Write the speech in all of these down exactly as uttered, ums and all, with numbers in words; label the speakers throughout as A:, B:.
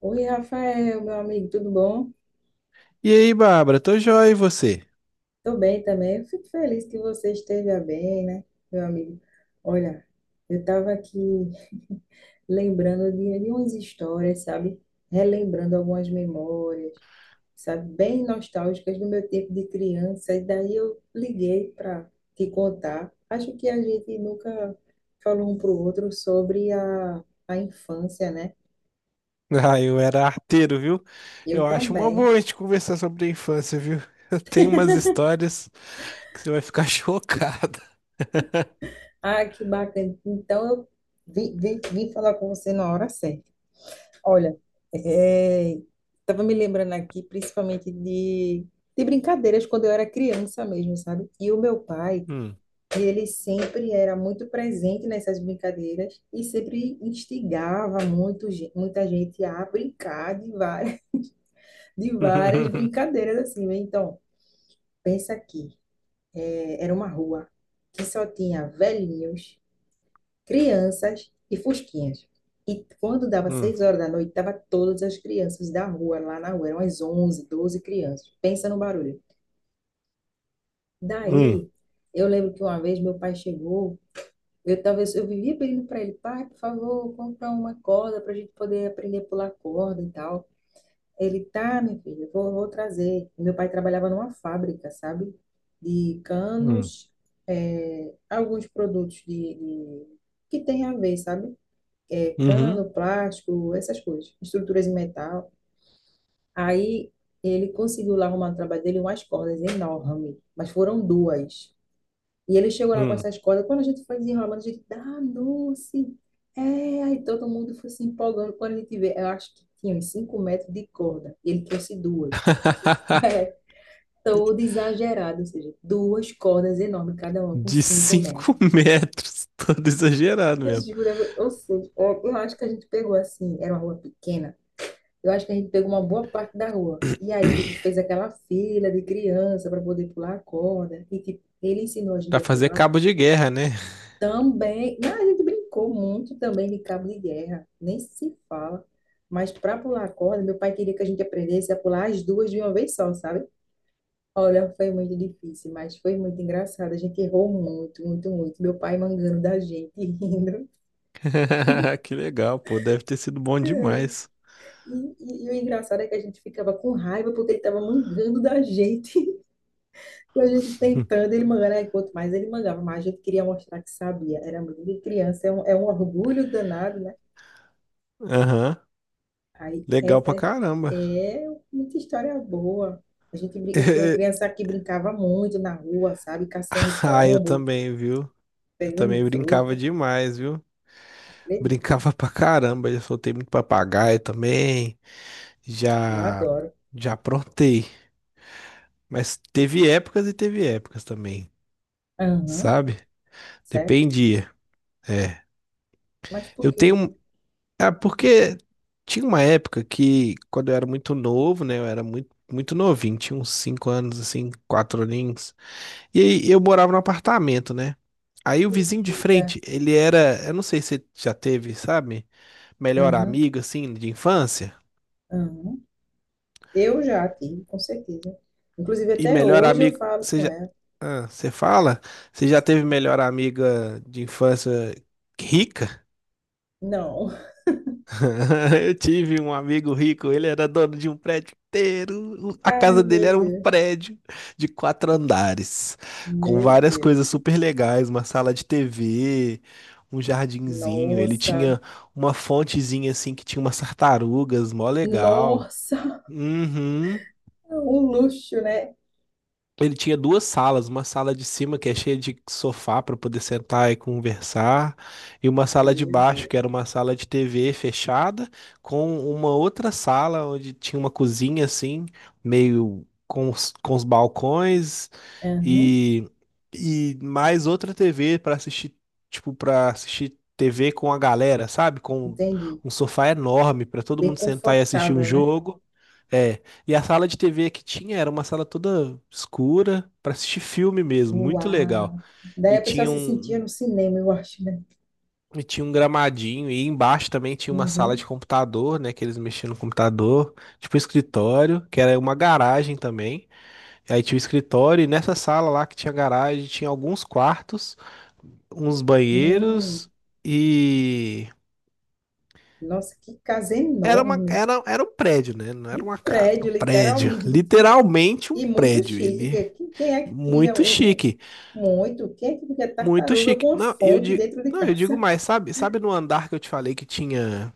A: Oi, Rafael, meu amigo, tudo bom?
B: E aí, Bárbara, tô joia e você?
A: Tô bem também. Eu fico feliz que você esteja bem, né, meu amigo? Olha, eu estava aqui lembrando de, de umas histórias, sabe? Relembrando algumas memórias, sabe? Bem nostálgicas do meu tempo de criança. E daí eu liguei para te contar. Acho que a gente nunca falou um para o outro sobre a, a infância, né?
B: Ah, eu era arteiro, viu?
A: Eu
B: Eu acho uma
A: também.
B: boa a gente conversar sobre a infância, viu? Eu tenho umas histórias que você vai ficar chocada.
A: Ah, que bacana. Então, eu vim, vim, vim falar com você na hora certa. Olha, estava me lembrando aqui, principalmente de, de brincadeiras quando eu era criança mesmo, sabe? E o meu pai,
B: Hum.
A: ele sempre era muito presente nessas brincadeiras e sempre instigava muito, ge- muita gente a brincar de várias, de várias brincadeiras assim, né? Então, pensa aqui, é, era uma rua que só tinha velhinhos crianças e fusquinhas. E quando dava
B: Hum.
A: seis horas da noite, tava todas as crianças da rua, lá na rua, eram umas onze doze crianças. Pensa no barulho.
B: Hum.
A: Daí, eu lembro que uma vez meu pai chegou, eu talvez eu vivia pedindo para ele, pai, por favor, compra uma corda para a gente poder aprender a pular corda e tal. Ele, tá, minha filha, eu vou, vou trazer. Meu pai trabalhava numa fábrica, sabe? De
B: Hum.
A: canos, eh, alguns produtos de, de- que tem a ver, sabe? É,
B: Uhum.
A: cano, plástico, essas coisas, estruturas em metal. Aí ele conseguiu lá arrumar no trabalho dele umas cordas enormes, mas foram duas. E ele chegou lá com
B: Hum.
A: essas cordas, quando a gente foi desenrolando, a gente, ah, doce! É, aí todo mundo foi se empolgando quando a gente vê. Eu acho que tinha uns 5 metros de corda, e ele trouxe duas. Todo exagerado, ou seja, duas cordas enormes, cada uma com
B: De
A: cinco metros.
B: cinco metros, todo exagerado
A: Eu
B: mesmo.
A: jurava, ou seja, eu eu acho que a gente pegou assim, era uma rua pequena, eu acho que a gente pegou uma boa parte da rua. E aí, tipo, fez aquela fila de criança para poder pular a corda. E, tipo, ele ensinou a gente
B: Pra
A: a
B: fazer
A: pular.
B: cabo de guerra, né?
A: Também, mas a gente brincou muito também de cabo de guerra. Nem se fala. Mas para pular a corda, meu pai queria que a gente aprendesse a pular as duas de uma vez só, sabe? Olha, foi muito difícil, mas foi muito engraçado. A gente errou muito, muito, muito. Meu pai mangando da gente, rindo.
B: Que legal, pô, deve ter sido bom demais.
A: E, e, e o engraçado é que a gente ficava com raiva porque ele estava mangando da gente. E a gente tentando, ele mangando, aí quanto mais ele mangava, mais a gente queria mostrar que sabia. Era muito de criança, é um, é um orgulho danado, né?
B: Aham,
A: Aí
B: legal pra
A: é,
B: caramba.
A: é, é muita história boa. A gente, brin- eu fui a criança que brincava muito na rua, sabe? Caçando
B: Ah, eu
A: pombo,
B: também, viu? Eu
A: pegando
B: também brincava
A: fruta.
B: demais, viu?
A: Acredito,
B: Brincava pra caramba, já soltei muito papagaio também,
A: eu
B: já
A: adoro.
B: já aprontei, mas teve épocas e teve épocas também,
A: Aham,
B: sabe?
A: sério?
B: Dependia. É.
A: Mas por
B: Eu
A: quê?
B: tenho, um- ah, porque tinha uma época que quando eu era muito novo, né, eu era muito muito novinho, tinha uns cinco anos assim, quatro aninhos. E aí eu morava num apartamento, né? Aí o vizinho de
A: Eita,
B: frente, ele era, eu não sei se você já teve, sabe? Melhor
A: aham,
B: amigo, assim, de infância?
A: aham. Eu já tive, com certeza. Inclusive,
B: E
A: até
B: melhor
A: hoje eu
B: amigo,
A: falo
B: você
A: com
B: já...
A: ela.
B: Ah, você fala? Você já teve
A: Assim,
B: melhor amiga de infância rica?
A: não.
B: Eu tive um amigo rico, ele era dono de um prédio inteiro. A
A: Ai,
B: casa dele
A: meu
B: era um
A: Deus.
B: prédio de quatro andares, com
A: Meu
B: várias coisas
A: Deus.
B: super legais, uma sala de T V, um jardinzinho. Ele
A: Nossa.
B: tinha uma fontezinha assim que tinha umas tartarugas, mó legal.
A: Nossa.
B: Uhum.
A: Um luxo, né?
B: Ele tinha duas salas, uma sala de cima que é cheia de sofá para poder sentar e conversar, e uma sala de
A: Meu
B: baixo que
A: Deus.
B: era uma sala de T V fechada, com uma outra sala onde tinha uma cozinha assim, meio com os, com os balcões
A: Aham,
B: e, e mais outra T V para assistir, tipo, para assistir T V com a galera, sabe? Com
A: entendi.
B: um sofá enorme para todo
A: Bem
B: mundo sentar e assistir um
A: confortável, né?
B: jogo é, e a sala de T V que tinha era uma sala toda escura para assistir filme mesmo, muito legal.
A: Uau. Daí
B: E
A: a pessoa
B: tinha
A: se sentia
B: um,
A: no cinema, eu acho, né?
B: e tinha um gramadinho, e embaixo também tinha uma sala
A: Uhum.
B: de computador, né, que eles mexiam no computador, tipo escritório, que era uma garagem também. E aí tinha o escritório, e nessa sala lá que tinha garagem, tinha alguns quartos, uns
A: Hum.
B: banheiros e
A: Nossa, que casa
B: era uma,
A: enorme.
B: era, era um prédio, né? Não era
A: Um
B: uma casa, era
A: prédio,
B: um prédio.
A: literalmente.
B: Literalmente um
A: E muito
B: prédio.
A: chique.
B: Ele
A: Que- que- Quem é que cria
B: muito
A: um, um-
B: chique.
A: muito? Quem é que cria
B: Muito
A: tartaruga com
B: chique.
A: uma
B: Não, eu
A: fonte
B: digo,
A: dentro de
B: não, eu digo
A: casa?
B: mais, sabe? Sabe no andar que eu te falei que tinha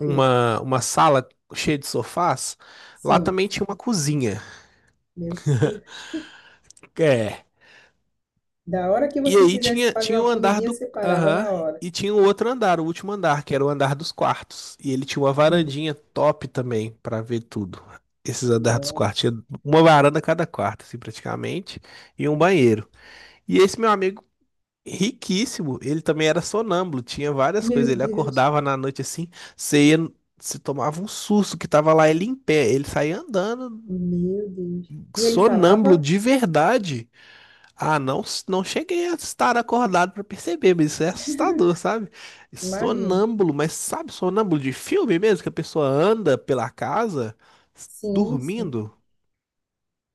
A: Que-
B: uma sala cheia de sofás? Lá
A: Sim.
B: também tinha uma cozinha.
A: Meu Deus.
B: É.
A: Da hora que
B: E
A: você
B: aí
A: quisesse
B: tinha,
A: fazer
B: tinha
A: uma
B: o andar
A: comidinha,
B: do.
A: você parava
B: Aham.
A: na hora.
B: E tinha o outro andar, o último andar, que era o andar dos quartos. E ele tinha uma
A: Hum,
B: varandinha top também pra ver tudo. Esses andares dos quartos.
A: Nossa.
B: Tinha uma varanda a cada quarto, assim, praticamente. E um
A: Ixi.
B: banheiro. E esse meu amigo, riquíssimo. Ele também era sonâmbulo, tinha várias
A: Meu
B: coisas. Ele
A: Deus.
B: acordava na noite assim, você ia, você tomava um susto que tava lá ele em pé. Ele saía andando
A: Meu Deus. E ele
B: sonâmbulo
A: falava?
B: de verdade. Ah, não, não cheguei a estar acordado pra perceber, mas isso é assustador, sabe?
A: Imagina.
B: Sonâmbulo, mas sabe, sonâmbulo de filme mesmo, que a pessoa anda pela casa
A: Sim, sim.
B: dormindo,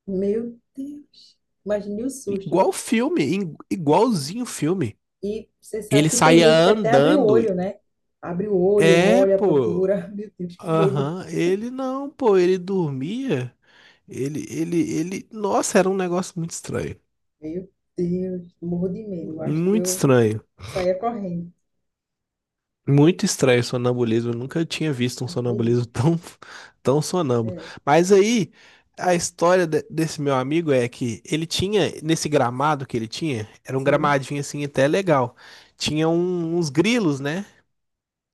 A: Meu Deus. Imagine o susto,
B: igual
A: viu?
B: filme, igualzinho filme.
A: E você sabe
B: Ele
A: que tem
B: saía
A: gente que até abre o
B: andando.
A: olho, né? Abre o olho,
B: É,
A: olha,
B: pô.
A: procura. Meu Deus, que medo.
B: Aham, ele não, pô, ele dormia. Ele, ele, ele. Nossa, era um negócio muito estranho.
A: Meu Deus. Morro de medo. Eu acho que
B: Muito
A: eu
B: estranho.
A: saía correndo.
B: Muito estranho o sonambulismo. Eu nunca tinha visto um
A: Acredito.
B: sonambulismo tão, tão sonâmbulo.
A: É.
B: Mas aí, a história de- desse meu amigo é que ele tinha, nesse gramado que ele tinha, era um
A: Sim.
B: gramadinho assim até legal. Tinha um- uns grilos, né?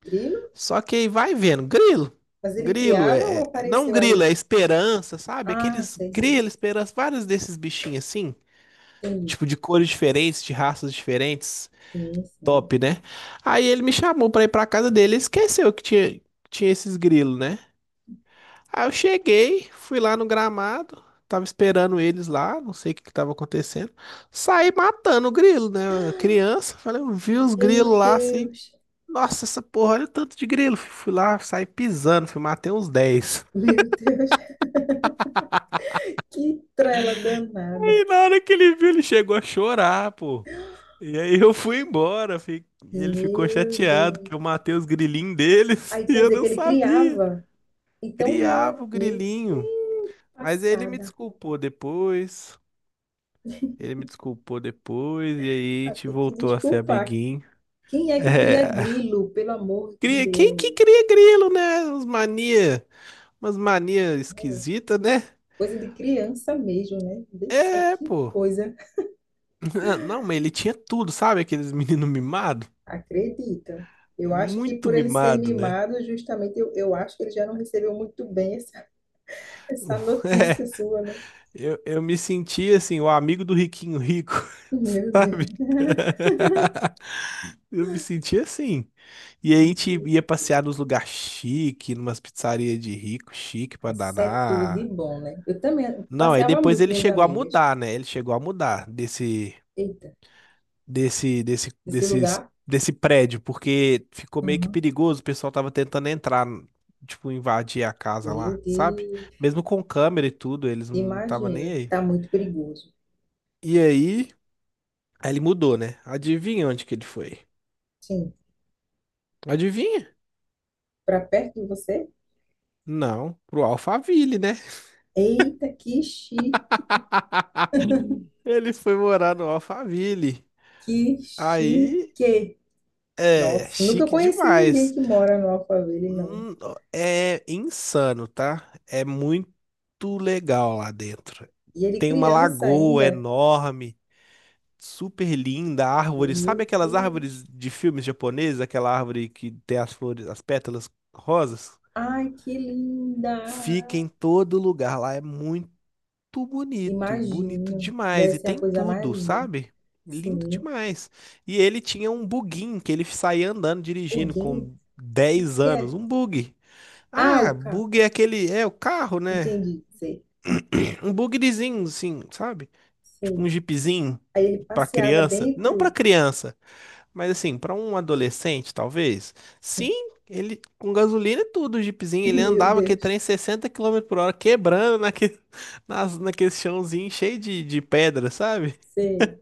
A: Grilo?
B: Só que aí vai vendo, grilo.
A: Mas ele
B: Grilo
A: criava ou
B: é, é- não
A: apareceu
B: grilo,
A: ali?
B: é esperança, sabe?
A: Ah,
B: Aqueles
A: sei, sei.
B: grilo, esperança, vários desses bichinhos assim,
A: Sim,
B: tipo de cores diferentes, de raças diferentes,
A: sim, sim.
B: top, né? Aí ele me chamou pra ir pra casa dele, ele esqueceu que tinha, tinha esses grilos, né? Aí eu cheguei, fui lá no gramado, tava esperando eles lá, não sei o que que tava acontecendo. Saí matando o grilo, né? Criança, falei, eu vi os
A: Meu
B: grilos lá assim,
A: Deus,
B: nossa, essa porra, olha o tanto de grilo. Fui lá, saí pisando, fui matei uns dez.
A: meu Deus, que trela danada.
B: E na hora que ele viu, ele chegou a chorar, pô. E aí eu fui embora, fi- ele ficou
A: Meu
B: chateado que
A: Deus.
B: eu matei os grilinhos deles
A: Aí
B: e
A: quer
B: eu
A: dizer que
B: não
A: ele
B: sabia.
A: criava. Então não era.
B: Criava o
A: Meu
B: grilinho.
A: Deus,
B: Mas ele me
A: passada.
B: desculpou depois. Ele me desculpou depois e aí a
A: Vai
B: gente
A: ter que
B: voltou a ser
A: desculpar.
B: amiguinho.
A: Quem é que cria
B: É.
A: grilo, pelo amor de
B: Cria, quem que cria
A: Deus?
B: grilo, né? Uns mania, umas mania
A: É,
B: esquisita, né?
A: coisa de criança mesmo, né? Vê só
B: É,
A: que
B: pô.
A: coisa.
B: Ah, não, mas ele tinha tudo, sabe? Aqueles meninos mimados.
A: Acredita. Eu acho que
B: Muito
A: por ele ser
B: mimado, né?
A: mimado, justamente, eu, eu acho que ele já não recebeu muito bem essa, essa notícia
B: É,
A: sua, né?
B: eu, eu me sentia assim, o amigo do riquinho rico,
A: Meu
B: sabe?
A: Deus.
B: Eu me sentia assim. E aí a gente ia passear nos lugares chique, numas pizzarias de rico, chique pra
A: Isso é tudo de
B: danar.
A: bom, né? Eu também
B: Não, aí
A: passeava
B: depois
A: muito com
B: ele
A: minhas
B: chegou a
A: amigas.
B: mudar, né? Ele chegou a mudar desse
A: Eita,
B: desse, desse,
A: esse
B: desses,
A: lugar?
B: desse prédio, porque ficou meio que
A: Uhum.
B: perigoso, o pessoal tava tentando entrar, tipo, invadir a casa
A: Meu
B: lá, sabe?
A: Deus.
B: Mesmo com câmera e tudo, eles não estavam nem
A: Imagino.
B: aí.
A: Tá muito perigoso.
B: E aí, aí ele mudou, né? Adivinha onde que ele foi?
A: Sim.
B: Adivinha?
A: Pra perto de você?
B: Não, pro Alphaville, né?
A: Eita, que chique,
B: Ele foi morar no Alphaville.
A: que
B: Aí,
A: chique.
B: é,
A: Nossa, nunca
B: chique
A: conheci ninguém
B: demais.
A: que mora no Alphaville, não.
B: Hum, ó, é insano, tá? É muito legal lá dentro.
A: E ele
B: Tem uma
A: criança
B: lagoa
A: ainda.
B: enorme, super linda, árvores. Sabe
A: Meu
B: aquelas árvores
A: Deus.
B: de filmes japoneses, aquela árvore que tem as flores, as pétalas rosas?
A: Ai, que
B: Fica
A: linda.
B: em todo lugar lá. É muito bonito, bonito
A: Imagino. Deve
B: demais. E
A: ser a
B: tem
A: coisa mais
B: tudo,
A: linda.
B: sabe? Lindo
A: Sim.
B: demais. E ele tinha um buguinho que ele saía andando, dirigindo
A: Huguinho?
B: com
A: O
B: dez
A: que
B: anos,
A: é?
B: um bug.
A: Ah,
B: Ah,
A: o carro.
B: bug é aquele. É o carro, né?
A: Entendi, sei,
B: Um bugzinho, assim, sabe? Tipo um
A: sei.
B: jeepzinho
A: Aí ele
B: pra
A: passeava
B: criança. Não pra
A: dentro.
B: criança, mas assim, pra um adolescente, talvez.
A: Sim.
B: Sim, ele com gasolina e tudo, o jeepzinho. Ele
A: Meu
B: andava aquele
A: Deus,
B: trem sessenta quilômetros por hora, quebrando naquele, nas, naquele chãozinho cheio de, de pedra, sabe?
A: sei.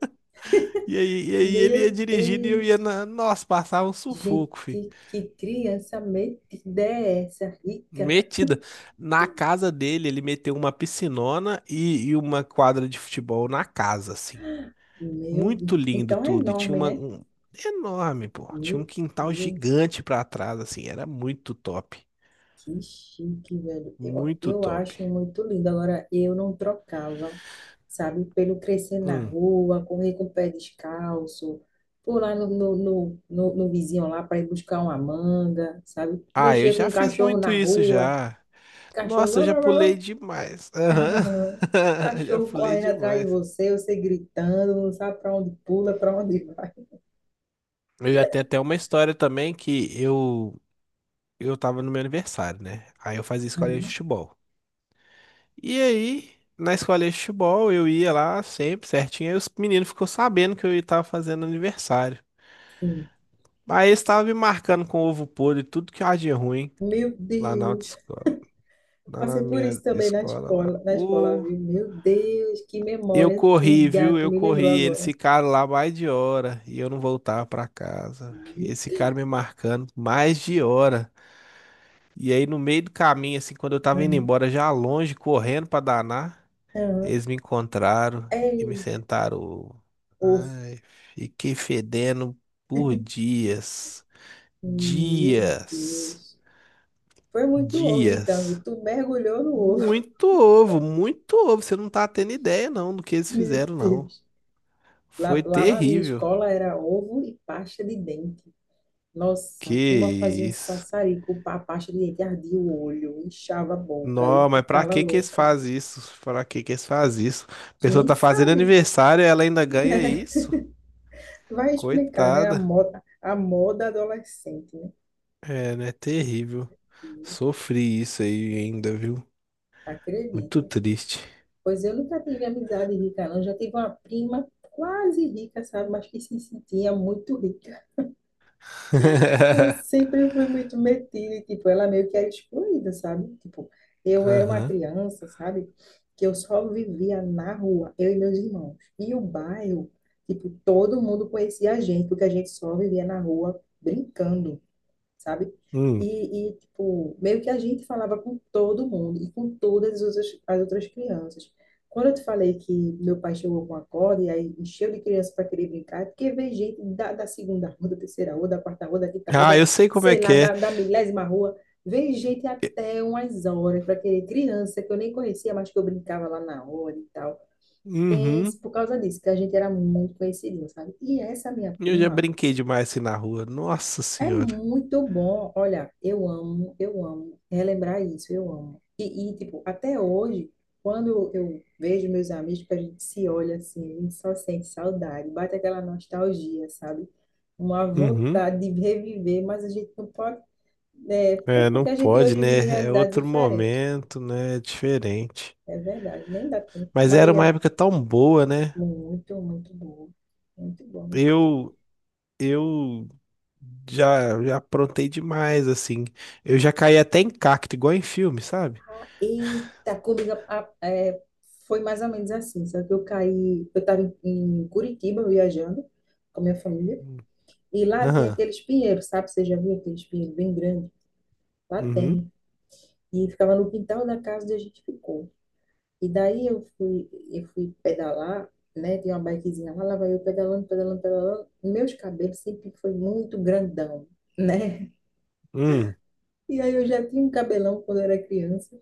B: E aí, e aí ele ia
A: Meu
B: dirigindo e eu ia
A: Deus,
B: na. Nossa, passava um sufoco.
A: gente, que criança metida é essa, rica?
B: Metida. Na casa dele, ele meteu uma piscinona e, e uma quadra de futebol na casa, assim.
A: Meu Deus.
B: Muito lindo
A: Então é
B: tudo. E tinha
A: enorme,
B: uma
A: né?
B: um- enorme, pô. Tinha um
A: Meu
B: quintal
A: Deus.
B: gigante pra trás, assim. Era muito top.
A: Que chique, velho. Eu,
B: Muito
A: eu
B: top.
A: acho muito lindo. Agora, eu não trocava, sabe, pelo crescer na
B: Hum.
A: rua, correr com o pé descalço, pular no, no, no, no, no vizinho lá para ir buscar uma manga, sabe?
B: Ah, eu
A: Mexer com
B: já
A: um
B: fiz
A: cachorro
B: muito
A: na
B: isso
A: rua,
B: já.
A: cachorro.
B: Nossa, eu
A: Uau,
B: já
A: uau, uau,
B: pulei demais.
A: uau.
B: Aham. Já
A: Cachorro
B: pulei
A: correndo atrás de
B: demais.
A: você, você gritando, não sabe para onde pula, para onde vai.
B: Eu já tenho até uma história também que eu eu tava no meu aniversário, né? Aí eu fazia escolinha de
A: Uhum.
B: futebol. E aí, na escolinha de futebol, eu ia lá sempre certinho. Aí os meninos ficou sabendo que eu estava fazendo aniversário.
A: Sim.
B: Aí eles estavam me marcando com ovo podre, e tudo que há de ruim
A: Meu
B: lá na
A: Deus.
B: autoescola, lá na
A: Passei por
B: minha
A: isso também na
B: escola lá.
A: escola, na escola,
B: Pô,
A: viu? Meu Deus, que
B: eu
A: memória
B: corri,
A: antiga,
B: viu?
A: tu
B: Eu
A: me lembrou
B: corri. Eles
A: agora.
B: ficaram lá mais de hora e eu não voltava para casa. E
A: Uhum,
B: eles ficaram me marcando mais de hora. E aí, no meio do caminho, assim, quando eu tava indo
A: uhum,
B: embora, já longe, correndo para danar.
A: uhum.
B: Eles me encontraram e me
A: Ei,
B: sentaram.
A: ovo.
B: Ai, fiquei fedendo por dias.
A: Meu
B: Dias.
A: Deus. Foi muito ovo, então.
B: Dias.
A: Tu mergulhou no ovo.
B: Muito ovo, muito ovo. Você não tá tendo ideia, não, do que eles
A: Meu
B: fizeram, não.
A: Deus. Lá,
B: Foi
A: lá na minha
B: terrível.
A: escola era ovo e pasta de dente. Nossa,
B: Que
A: a turma fazia um
B: isso.
A: sassarico, a pasta de dente ardia o olho, inchava a boca, eu
B: Não, mas pra
A: ficava
B: que que eles
A: louca.
B: fazem isso? Pra que que eles fazem isso? A pessoa
A: Quem
B: tá fazendo
A: sabe?
B: aniversário e ela ainda ganha isso?
A: Vai explicar, né? A
B: Coitada.
A: moda, a moda adolescente, né?
B: É, né? Terrível. Sofri isso aí ainda, viu? Muito
A: Acredito.
B: triste.
A: Pois eu nunca tive amizade rica, não. Já tive uma prima quase rica, sabe? Mas que se sentia muito rica. Eu sempre fui muito metida, e, tipo, ela meio que era excluída, sabe? Tipo, eu era uma
B: Aham.
A: criança, sabe? Que eu só vivia na rua, eu e meus irmãos. E o bairro, tipo, todo mundo conhecia a gente, porque a gente só vivia na rua brincando, sabe?
B: Hum.
A: E, e, tipo, meio que a gente falava com todo mundo e com todas as outras, as outras crianças. Quando eu te falei que meu pai chegou com a corda e aí encheu de criança para querer brincar, é porque veio gente da, da segunda rua, da terceira rua, da quarta rua, da quinta rua,
B: Ah,
A: da,
B: eu sei como é
A: sei
B: que
A: lá,
B: é.
A: da, da milésima rua. Veio gente
B: E-
A: até umas horas para querer criança que eu nem conhecia, mas que eu brincava lá na hora e tal. Pense,
B: Uhum.
A: por causa disso, que a gente era muito conhecido, sabe? E essa minha
B: Eu já
A: prima
B: brinquei demais assim na rua. Nossa
A: é
B: Senhora.
A: muito bom. Olha, eu amo, eu amo relembrar isso, eu amo. E, e, tipo, até hoje, quando eu vejo meus amigos, que a gente se olha assim, a gente só sente saudade, bate aquela nostalgia, sabe? Uma
B: Uhum.
A: vontade de reviver, mas a gente não pode, né? Até
B: É, não
A: porque a gente
B: pode,
A: hoje vive
B: né? É
A: realidade
B: outro
A: diferente.
B: momento, né? É diferente.
A: É verdade, nem dá tempo. A
B: Mas era
A: maioria,
B: uma
A: é
B: época tão boa, né?
A: muito, muito bom. Muito bom, muito bom.
B: Eu, eu já, já aprontei demais, assim. Eu já caí até em cacto, igual em filme, sabe?
A: Eita, comigo a- é, foi mais ou menos assim, só que eu caí, eu estava em, em Curitiba viajando com a minha família, e lá tem
B: Aham.
A: aqueles pinheiros, sabe? Você já viu aqueles pinheiros bem grandes? Lá
B: Uhum.
A: tem. E ficava no quintal da casa onde a gente ficou. E daí eu fui, eu fui, pedalar, né? Tinha uma bikezinha lá, lá vai eu pedalando, pedalando, pedalando. Meus cabelos sempre foi muito grandão, né?
B: Hum.
A: E aí eu já tinha um cabelão quando eu era criança.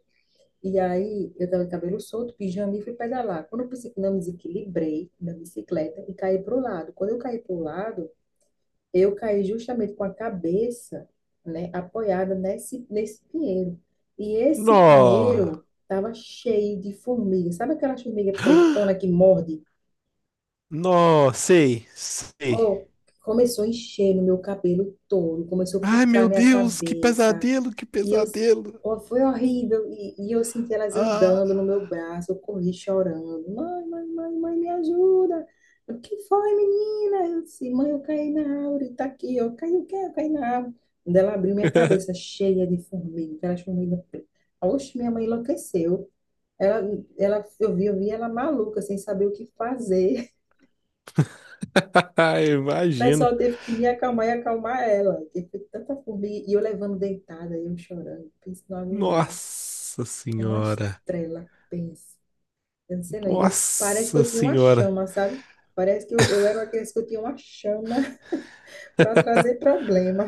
A: E aí, eu tava de cabelo solto, pijama e fui pedalar. Quando eu pensei que não me desequilibrei da bicicleta e caí pro lado. Quando eu caí pro lado, eu caí justamente com a cabeça, né, apoiada nesse, nesse pinheiro. E esse
B: Nó.
A: pinheiro tava cheio de formiga. Sabe aquela formiga pretona que morde?
B: Nó, sei, sei.
A: Oh, começou a encher no meu cabelo todo, começou a
B: Ai,
A: picar
B: meu
A: minha
B: Deus, que
A: cabeça.
B: pesadelo, que
A: E eu,
B: pesadelo.
A: ó, foi horrível. E, e eu senti elas
B: Ah.
A: andando no meu braço, eu corri chorando. Mãe, mãe, mãe, mãe, me ajuda. O que foi, menina? Eu disse, mãe, eu caí na árvore, tá aqui. Eu caí o quê? Eu caí na árvore. Quando ela abriu minha cabeça cheia de formiga, aquelas formigas pretas. Oxe, minha mãe enlouqueceu. Ela, ela, eu vi, eu vi ela maluca, sem saber o que fazer. O
B: Imagino.
A: pessoal teve que me acalmar e acalmar ela. Porque foi tanta formiga. E eu levando deitada, eu chorando, pensando numa menina.
B: Nossa
A: É uma
B: senhora.
A: estrela, pensa. Eu não sei não. E parece que
B: Nossa
A: eu tinha uma
B: senhora.
A: chama, sabe? Parece que eu, eu era uma criança que eu tinha uma chama para trazer problema.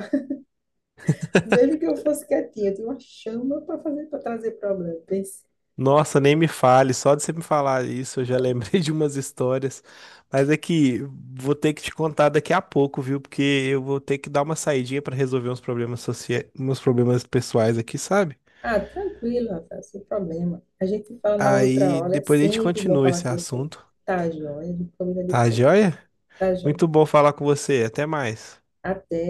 A: Mesmo que eu fosse quietinha, eu tinha uma chama para fazer para trazer problema. Pense,
B: Nossa, nem me fale. Só de você me falar isso, eu já lembrei de umas histórias. Mas é que vou ter que te contar daqui a pouco, viu? Porque eu vou ter que dar uma saidinha para resolver uns problemas sociais, uns problemas pessoais aqui, sabe?
A: ah, tranquilo, Rafael, sem problema. A gente fala numa outra
B: Aí
A: hora, é
B: depois a gente
A: sempre bom
B: continua
A: falar
B: esse
A: com você.
B: assunto.
A: Tá, joia, a gente combina
B: Tá,
A: depois.
B: joia?
A: Tá, joia.
B: Muito bom falar com você. Até mais.
A: Até.